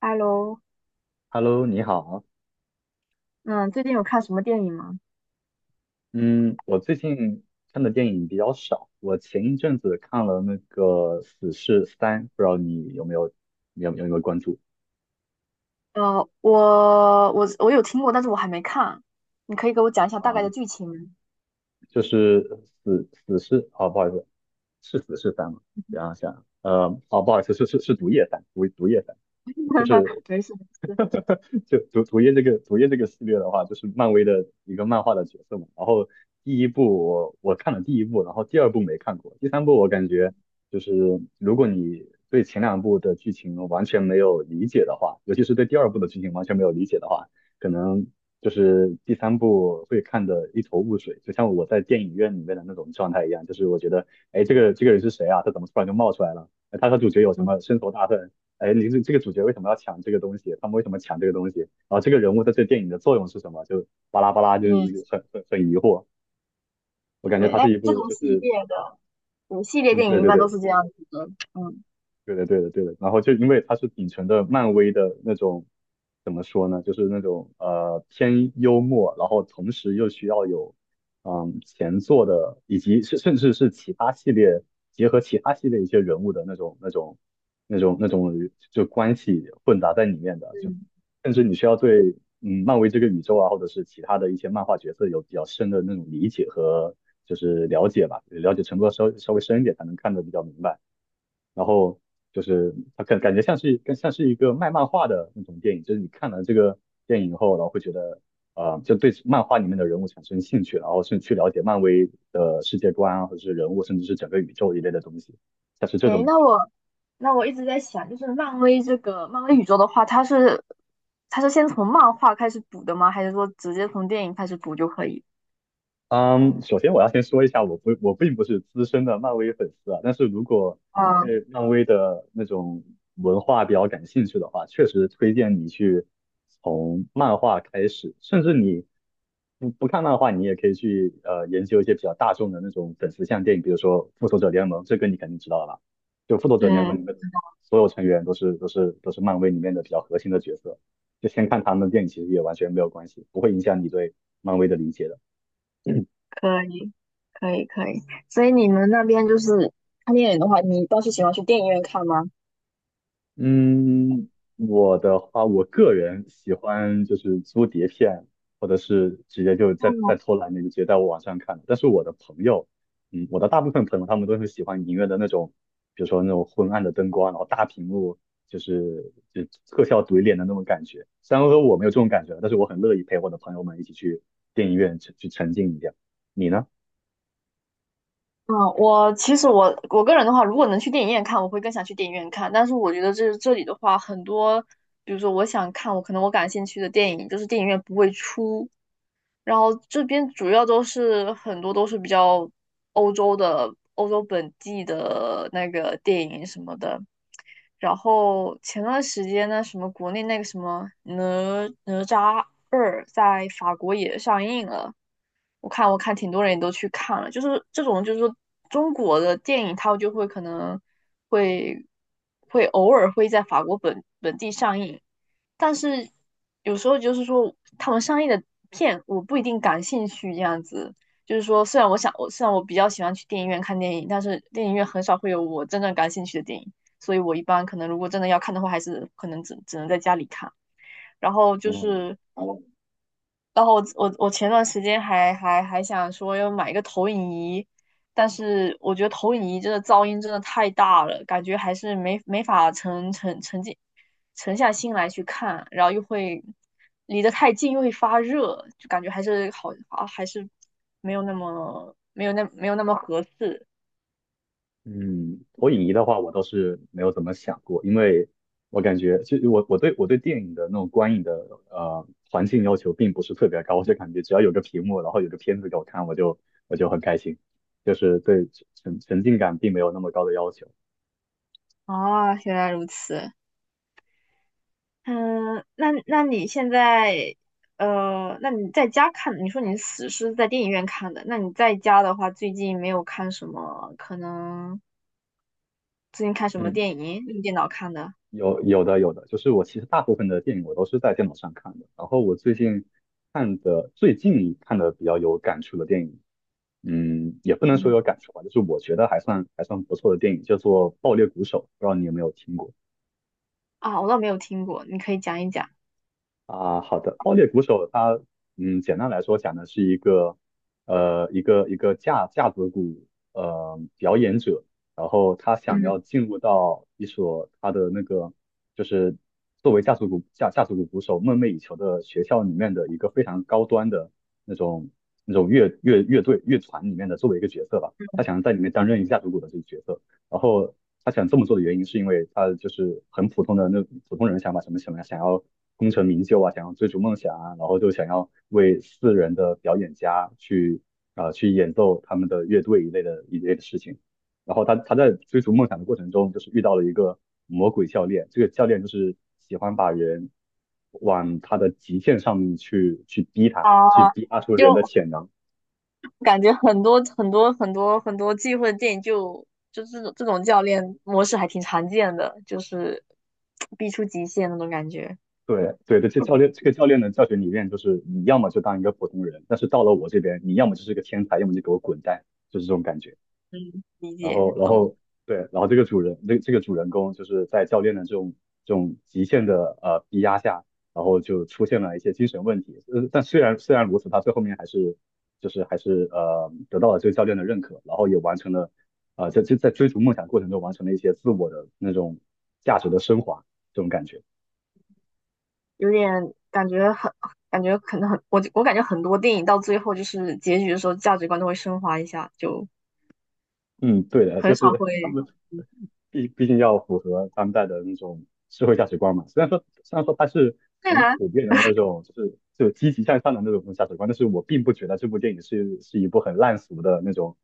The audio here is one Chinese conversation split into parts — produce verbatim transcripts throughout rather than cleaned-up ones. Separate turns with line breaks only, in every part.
Hello，
Hello，你好。
嗯，最近有看什么电影吗？
嗯，我最近看的电影比较少。我前一阵子看了那个《死侍三》，不知道你有没有、你有、有没有关注
呃，我我我有听过，但是我还没看，你可以给我讲一下大概
啊？
的剧情吗？
就是死死侍哦，不好意思，是死侍三吗？想想，呃，哦，不好意思，是是是毒液三，毒毒液三。就是。
没事没事，
就主主页这个主页这个系列的话，就是漫威的一个漫画的角色嘛。然后第一部我我看了第一部，然后第二部没看过，第三部我感觉就是如果你对前两部的剧情完全没有理解的话，尤其是对第二部的剧情完全没有理解的话，可能就是第三部会看得一头雾水，就像我在电影院里面的那种状态一样，就是我觉得，哎，这个这个人是谁啊？他怎么突然就冒出来了？哎他和主角有什
嗯，
么深仇大恨？哎，你这这个主角为什么要抢这个东西？他们为什么抢这个东西？然后这个人物在这电影的作用是什么？就巴拉巴拉，就
嗯，
很很很疑惑。我感觉
对，
它
哎，
是一
这
部
种
就
系
是，
列的，对，系列
嗯，
电
对
影一
对
般都
对，
是这样子的，嗯，
对的，对的，对的。然后就因为它是秉承的漫威的那种，怎么说呢？就是那种呃偏幽默，然后同时又需要有嗯前作的，以及是甚至是其他系列结合其他系列一些人物的那种那种那种那种就关系混杂在里面的，就
嗯，
甚至你需要对嗯漫威这个宇宙啊，或者是其他的一些漫画角色有比较深的那种理解和就是了解吧，了解程度要稍稍微深一点才能看得比较明白。然后就是它感感觉像是更像是一个卖漫画的那种电影，就是你看了这个电影后，然后会觉得呃，就对漫画里面的人物产生兴趣，然后是去了解漫威的世界观啊，或者是人物，甚至是整个宇宙一类的东西，像是这种
哎，
感
那
觉。
我那我一直在想，就是漫威这个漫威宇宙的话，它是它是先从漫画开始补的吗？还是说直接从电影开始补就可以？
嗯，首先我要先说一下，我不我并不是资深的漫威粉丝啊，但是如果你
嗯
对漫威的那种文化比较感兴趣的话，确实推荐你去从漫画开始，甚至你你不看漫画，你也可以去呃研究一些比较大众的那种粉丝向电影，比如说《复仇者联盟》，这个你肯定知道了吧？就《复仇者联盟》
嗯，
里面所有成员都是都是都是漫威里面的比较核心的角色，就先看他们的电影其实也完全没有关系，不会影响你对漫威的理解的。
可以。可以可以，所以你们那边就是看电影的话，你倒是喜欢去电影院看吗？
嗯，我的话，我个人喜欢就是租碟片，或者是直接就在
嗯
在偷懒的就直接在网上看。但是我的朋友，嗯，我的大部分朋友他们都是喜欢影院的那种，比如说那种昏暗的灯光，然后大屏幕，就是就特效怼脸的那种感觉。虽然说我没有这种感觉，但是我很乐意陪我的朋友们一起去电影院去去沉浸一下。你呢？
嗯，我其实我我个人的话，如果能去电影院看，我会更想去电影院看。但是我觉得这这里的话，很多，比如说我想看我可能我感兴趣的电影，就是电影院不会出。然后这边主要都是很多都是比较欧洲的、欧洲本地的那个电影什么的。然后前段时间呢，什么国内那个什么哪哪吒二在法国也上映了，我看我看挺多人也都去看了，就是这种就是说中国的电影，它就会可能会会偶尔会在法国本本地上映，但是有时候就是说，他们上映的片我不一定感兴趣，这样子。就是说，虽然我想，我虽然我比较喜欢去电影院看电影，但是电影院很少会有我真正感兴趣的电影，所以我一般可能如果真的要看的话，还是可能只只能在家里看。然后就
嗯，
是，然后我我我前段时间还还还想说要买一个投影仪，但是我觉得投影仪真的噪音真的太大了，感觉还是没没法沉沉沉浸沉下心来去看，然后又会离得太近又会发热，就感觉还是好啊，还是没有那么没有那没有那么合适。
嗯，投影仪的话，我倒是没有怎么想过，因为我感觉就我我对我对电影的那种观影的呃环境要求并不是特别高，我就感觉只要有个屏幕，然后有个片子给我看，我就我就很开心，就是对沉沉浸感并没有那么高的要求。
啊。原来如此。嗯，那那你现在呃，那你在家看，你说你死是在电影院看的，那你在家的话，最近没有看什么？可能最近看什么
嗯，
电影？用电脑看的。
有有的有的，就是我其实大部分的电影我都是在电脑上看的，然后我最近看的最近看的比较有感触的电影，嗯，也不能说
嗯。
有感触吧，就是我觉得还算还算不错的电影，叫做《爆裂鼓手》，不知道你有没有听过
啊？我倒没有听过，你可以讲一讲。
啊？好的，《爆裂鼓手》它，嗯，简单来说讲的是一个，呃，一个一个架架子鼓，呃，表演者，然后他想要
嗯，
进入到一所他的那个，就是作为架子鼓架架子鼓鼓手梦寐以求的学校里面的一个非常高端的那种那种乐乐乐队乐团里面的作为一个角色吧，他想要在里面担任一架子鼓的这个角色。然后他想这么做的原因，是因为他就是很普通的那普通人想法，什么什想想要功成名就啊，想要追逐梦想啊，然后就想要为私人的表演家去啊、呃去演奏他们的乐队一类的一类的事情。然后他他在追逐梦想的过程中，就是遇到了一个魔鬼教练，这个教练就是喜欢把人往他的极限上面去去逼他，去
啊，
逼他出人的
就
潜能。
感觉很多很多很多很多忌讳的电影就就这种这种教练模式还挺常见的，就是逼出极限那种感觉。
对对对，这教练这个教练的教学理念就是你要么就当一个普通人，但是到了我这边，你要么就是个天才，要么就给我滚蛋，就是这种感觉。
嗯，理
然
解
后然
懂，
后对，然后这个主人这这个主人公就是在教练的这种这种极限的呃逼压下，然后就出现了一些精神问题。呃，但虽然虽然如此，他最后面还是就是还是呃得到了这个教练的认可，然后也完成了啊、呃、在在在追逐梦想过程中完成了一些自我的那种价值的升华，这种感觉。
有点感觉很感觉可能很我我感觉很多电影到最后就是结局的时候价值观都会升华一下，就
嗯，对的，就
很少
是
会。
他们毕毕竟要符合当代的那种社会价值观嘛。虽然说虽然说它是
对
很
啊，
普遍的那种，就是就积极向上的那种价值观，但是我并不觉得这部电影是是一部很烂俗的那种，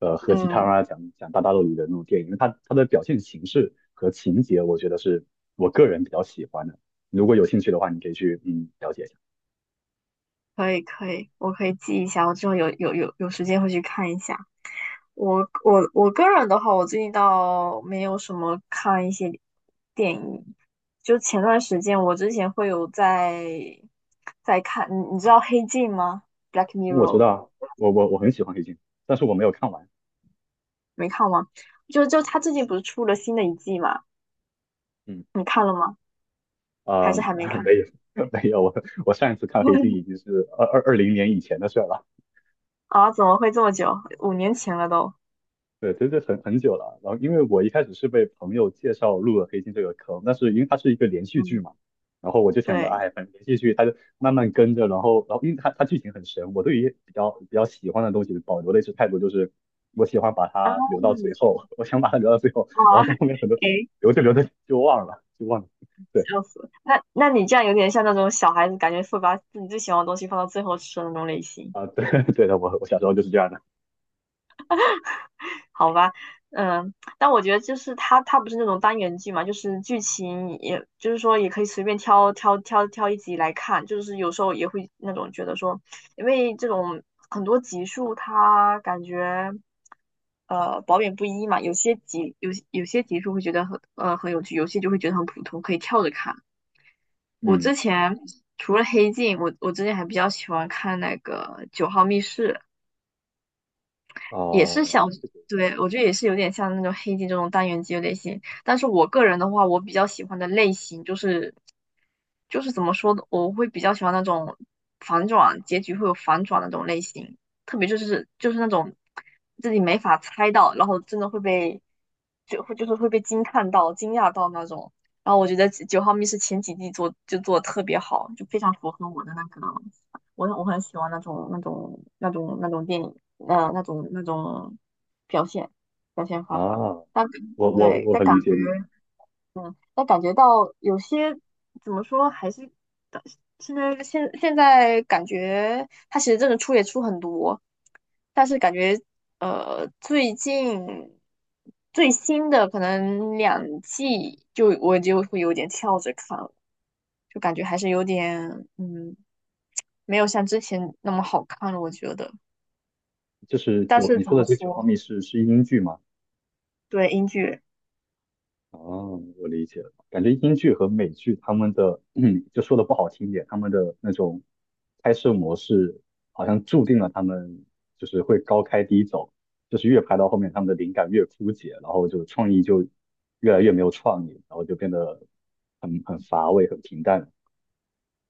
呃，喝鸡汤
嗯，
啊，讲讲大道理的那种电影。它它的表现形式和情节，我觉得是我个人比较喜欢的。如果有兴趣的话，你可以去嗯了解一下。
可以可以，我可以记一下，我之后有有有有时间会去看一下。我我我个人的话，我最近倒没有什么看一些电影。就前段时间，我之前会有在在看，你你知道《黑镜》吗？《Black
我知
Mirror》
道啊，我我我很喜欢黑镜，但是我没有看完。
没看吗？就就他最近不是出了新的一季嘛？
嗯。
你看了吗？还
呃，
是还没 看？
没有没有，我我上一次看黑镜已经 是二二二零年以前的事儿了，
啊，怎么会这么久？五年前了都。
对，真的很很久了。然后因为我一开始是被朋友介绍入了黑镜这个坑，但是因为它是一个连续剧
嗯，
嘛，然后我就想着，
对。
哎，反正连续剧它就慢慢跟着，然后然后因为它它剧情很神，我对于比较比较喜欢的东西保留的一直态度就是。我喜欢把
啊
它留到最后，我想把它留到最后，
啊，
然后在后面很多
诶，
留着留着就忘了，就忘了。对
笑死！那那你这样有点像那种小孩子，感觉会把自己最喜欢的东西放到最后吃的那种类型。
啊、对 对的，我我小时候就是这样的。
好吧，嗯，但我觉得就是它，它不是那种单元剧嘛，就是剧情也，就是说也可以随便挑挑挑挑一集来看，就是有时候也会那种觉得说，因为这种很多集数它感觉呃褒贬不一嘛，有些集有有些集数会觉得很呃很有趣，有些就会觉得很普通，可以跳着看。我
嗯
之前除了《黑镜》，我我之前还比较喜欢看那个《九号密室》。也是
啊、
想，对，我觉得也是有点像那种黑镜这种单元剧的类型。但是我个人的话，我比较喜欢的类型就是就是怎么说呢，我会比较喜欢那种反转，结局会有反转那种类型，特别就是就是那种自己没法猜到，然后真的会被就会就是会被惊叹到、惊讶到那种。然后我觉得《九号密室》前几季做就做的特别好，就非常符合我的那个，我我很喜欢那种那种那种那种电影。呃那种那种表现表现
啊，
方法。但
我我
对，
我
但
很
感
理
觉
解你，
但感觉到有些怎么说，还是现在现现在感觉他其实真的出也出很多，但是感觉呃最近最新的可能两季就我就会有点跳着看了，就感觉还是有点。嗯。没有像之前那么好看了，我觉得。
就是
但
九，
是
你
怎
说的
么
这个九
说，
号密室是英剧吗？
对，英剧，
啊，我理解了，感觉英剧和美剧他们的，嗯就说的不好听一点，他们的那种拍摄模式好像注定了他们就是会高开低走，就是越拍到后面他们的灵感越枯竭，然后就创意就越来越没有创意，然后就变得很很乏味、很平淡。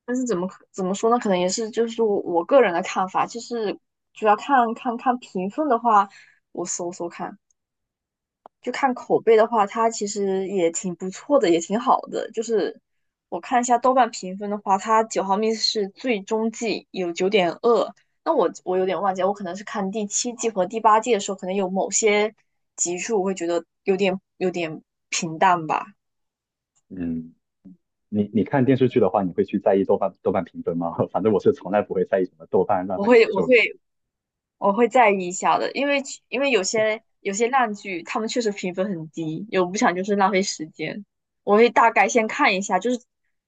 但是怎么可怎么说呢？可能也是就是我我个人的看法，就是主要看看看评分的话，我搜搜看，就看口碑的话，它其实也挺不错的，也挺好的。就是我看一下豆瓣评分的话，它九毫米是最终季有九点二，那我我有点忘记了我可能是看第七季和第八季的时候，可能有某些集数我会觉得有点有点平淡吧。
嗯，你你看电视剧的话，你会去在意豆瓣豆瓣评分吗？反正我是从来不会在意什么豆瓣、烂
我
番茄
会
这
我
种东
会
西。
我会在意一下的，因为其因为有些有些烂剧，他们确实评分很低，有不想就是浪费时间，我会大概先看一下，就是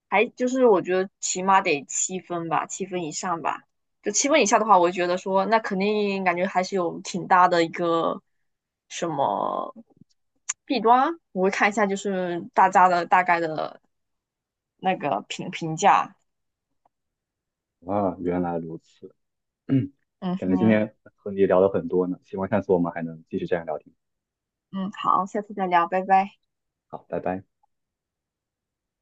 还就是我觉得起码得七分吧，七分以上吧，就七分以下的话，我觉得说那肯定感觉还是有挺大的一个什么弊端啊，我会看一下就是大家的大概的那个评评价，
啊，原来如此，
嗯
感觉今
哼，
天和你聊了很多呢，希望下次我们还能继续这样聊天。
嗯，好，下次再聊，拜拜。
好，拜拜。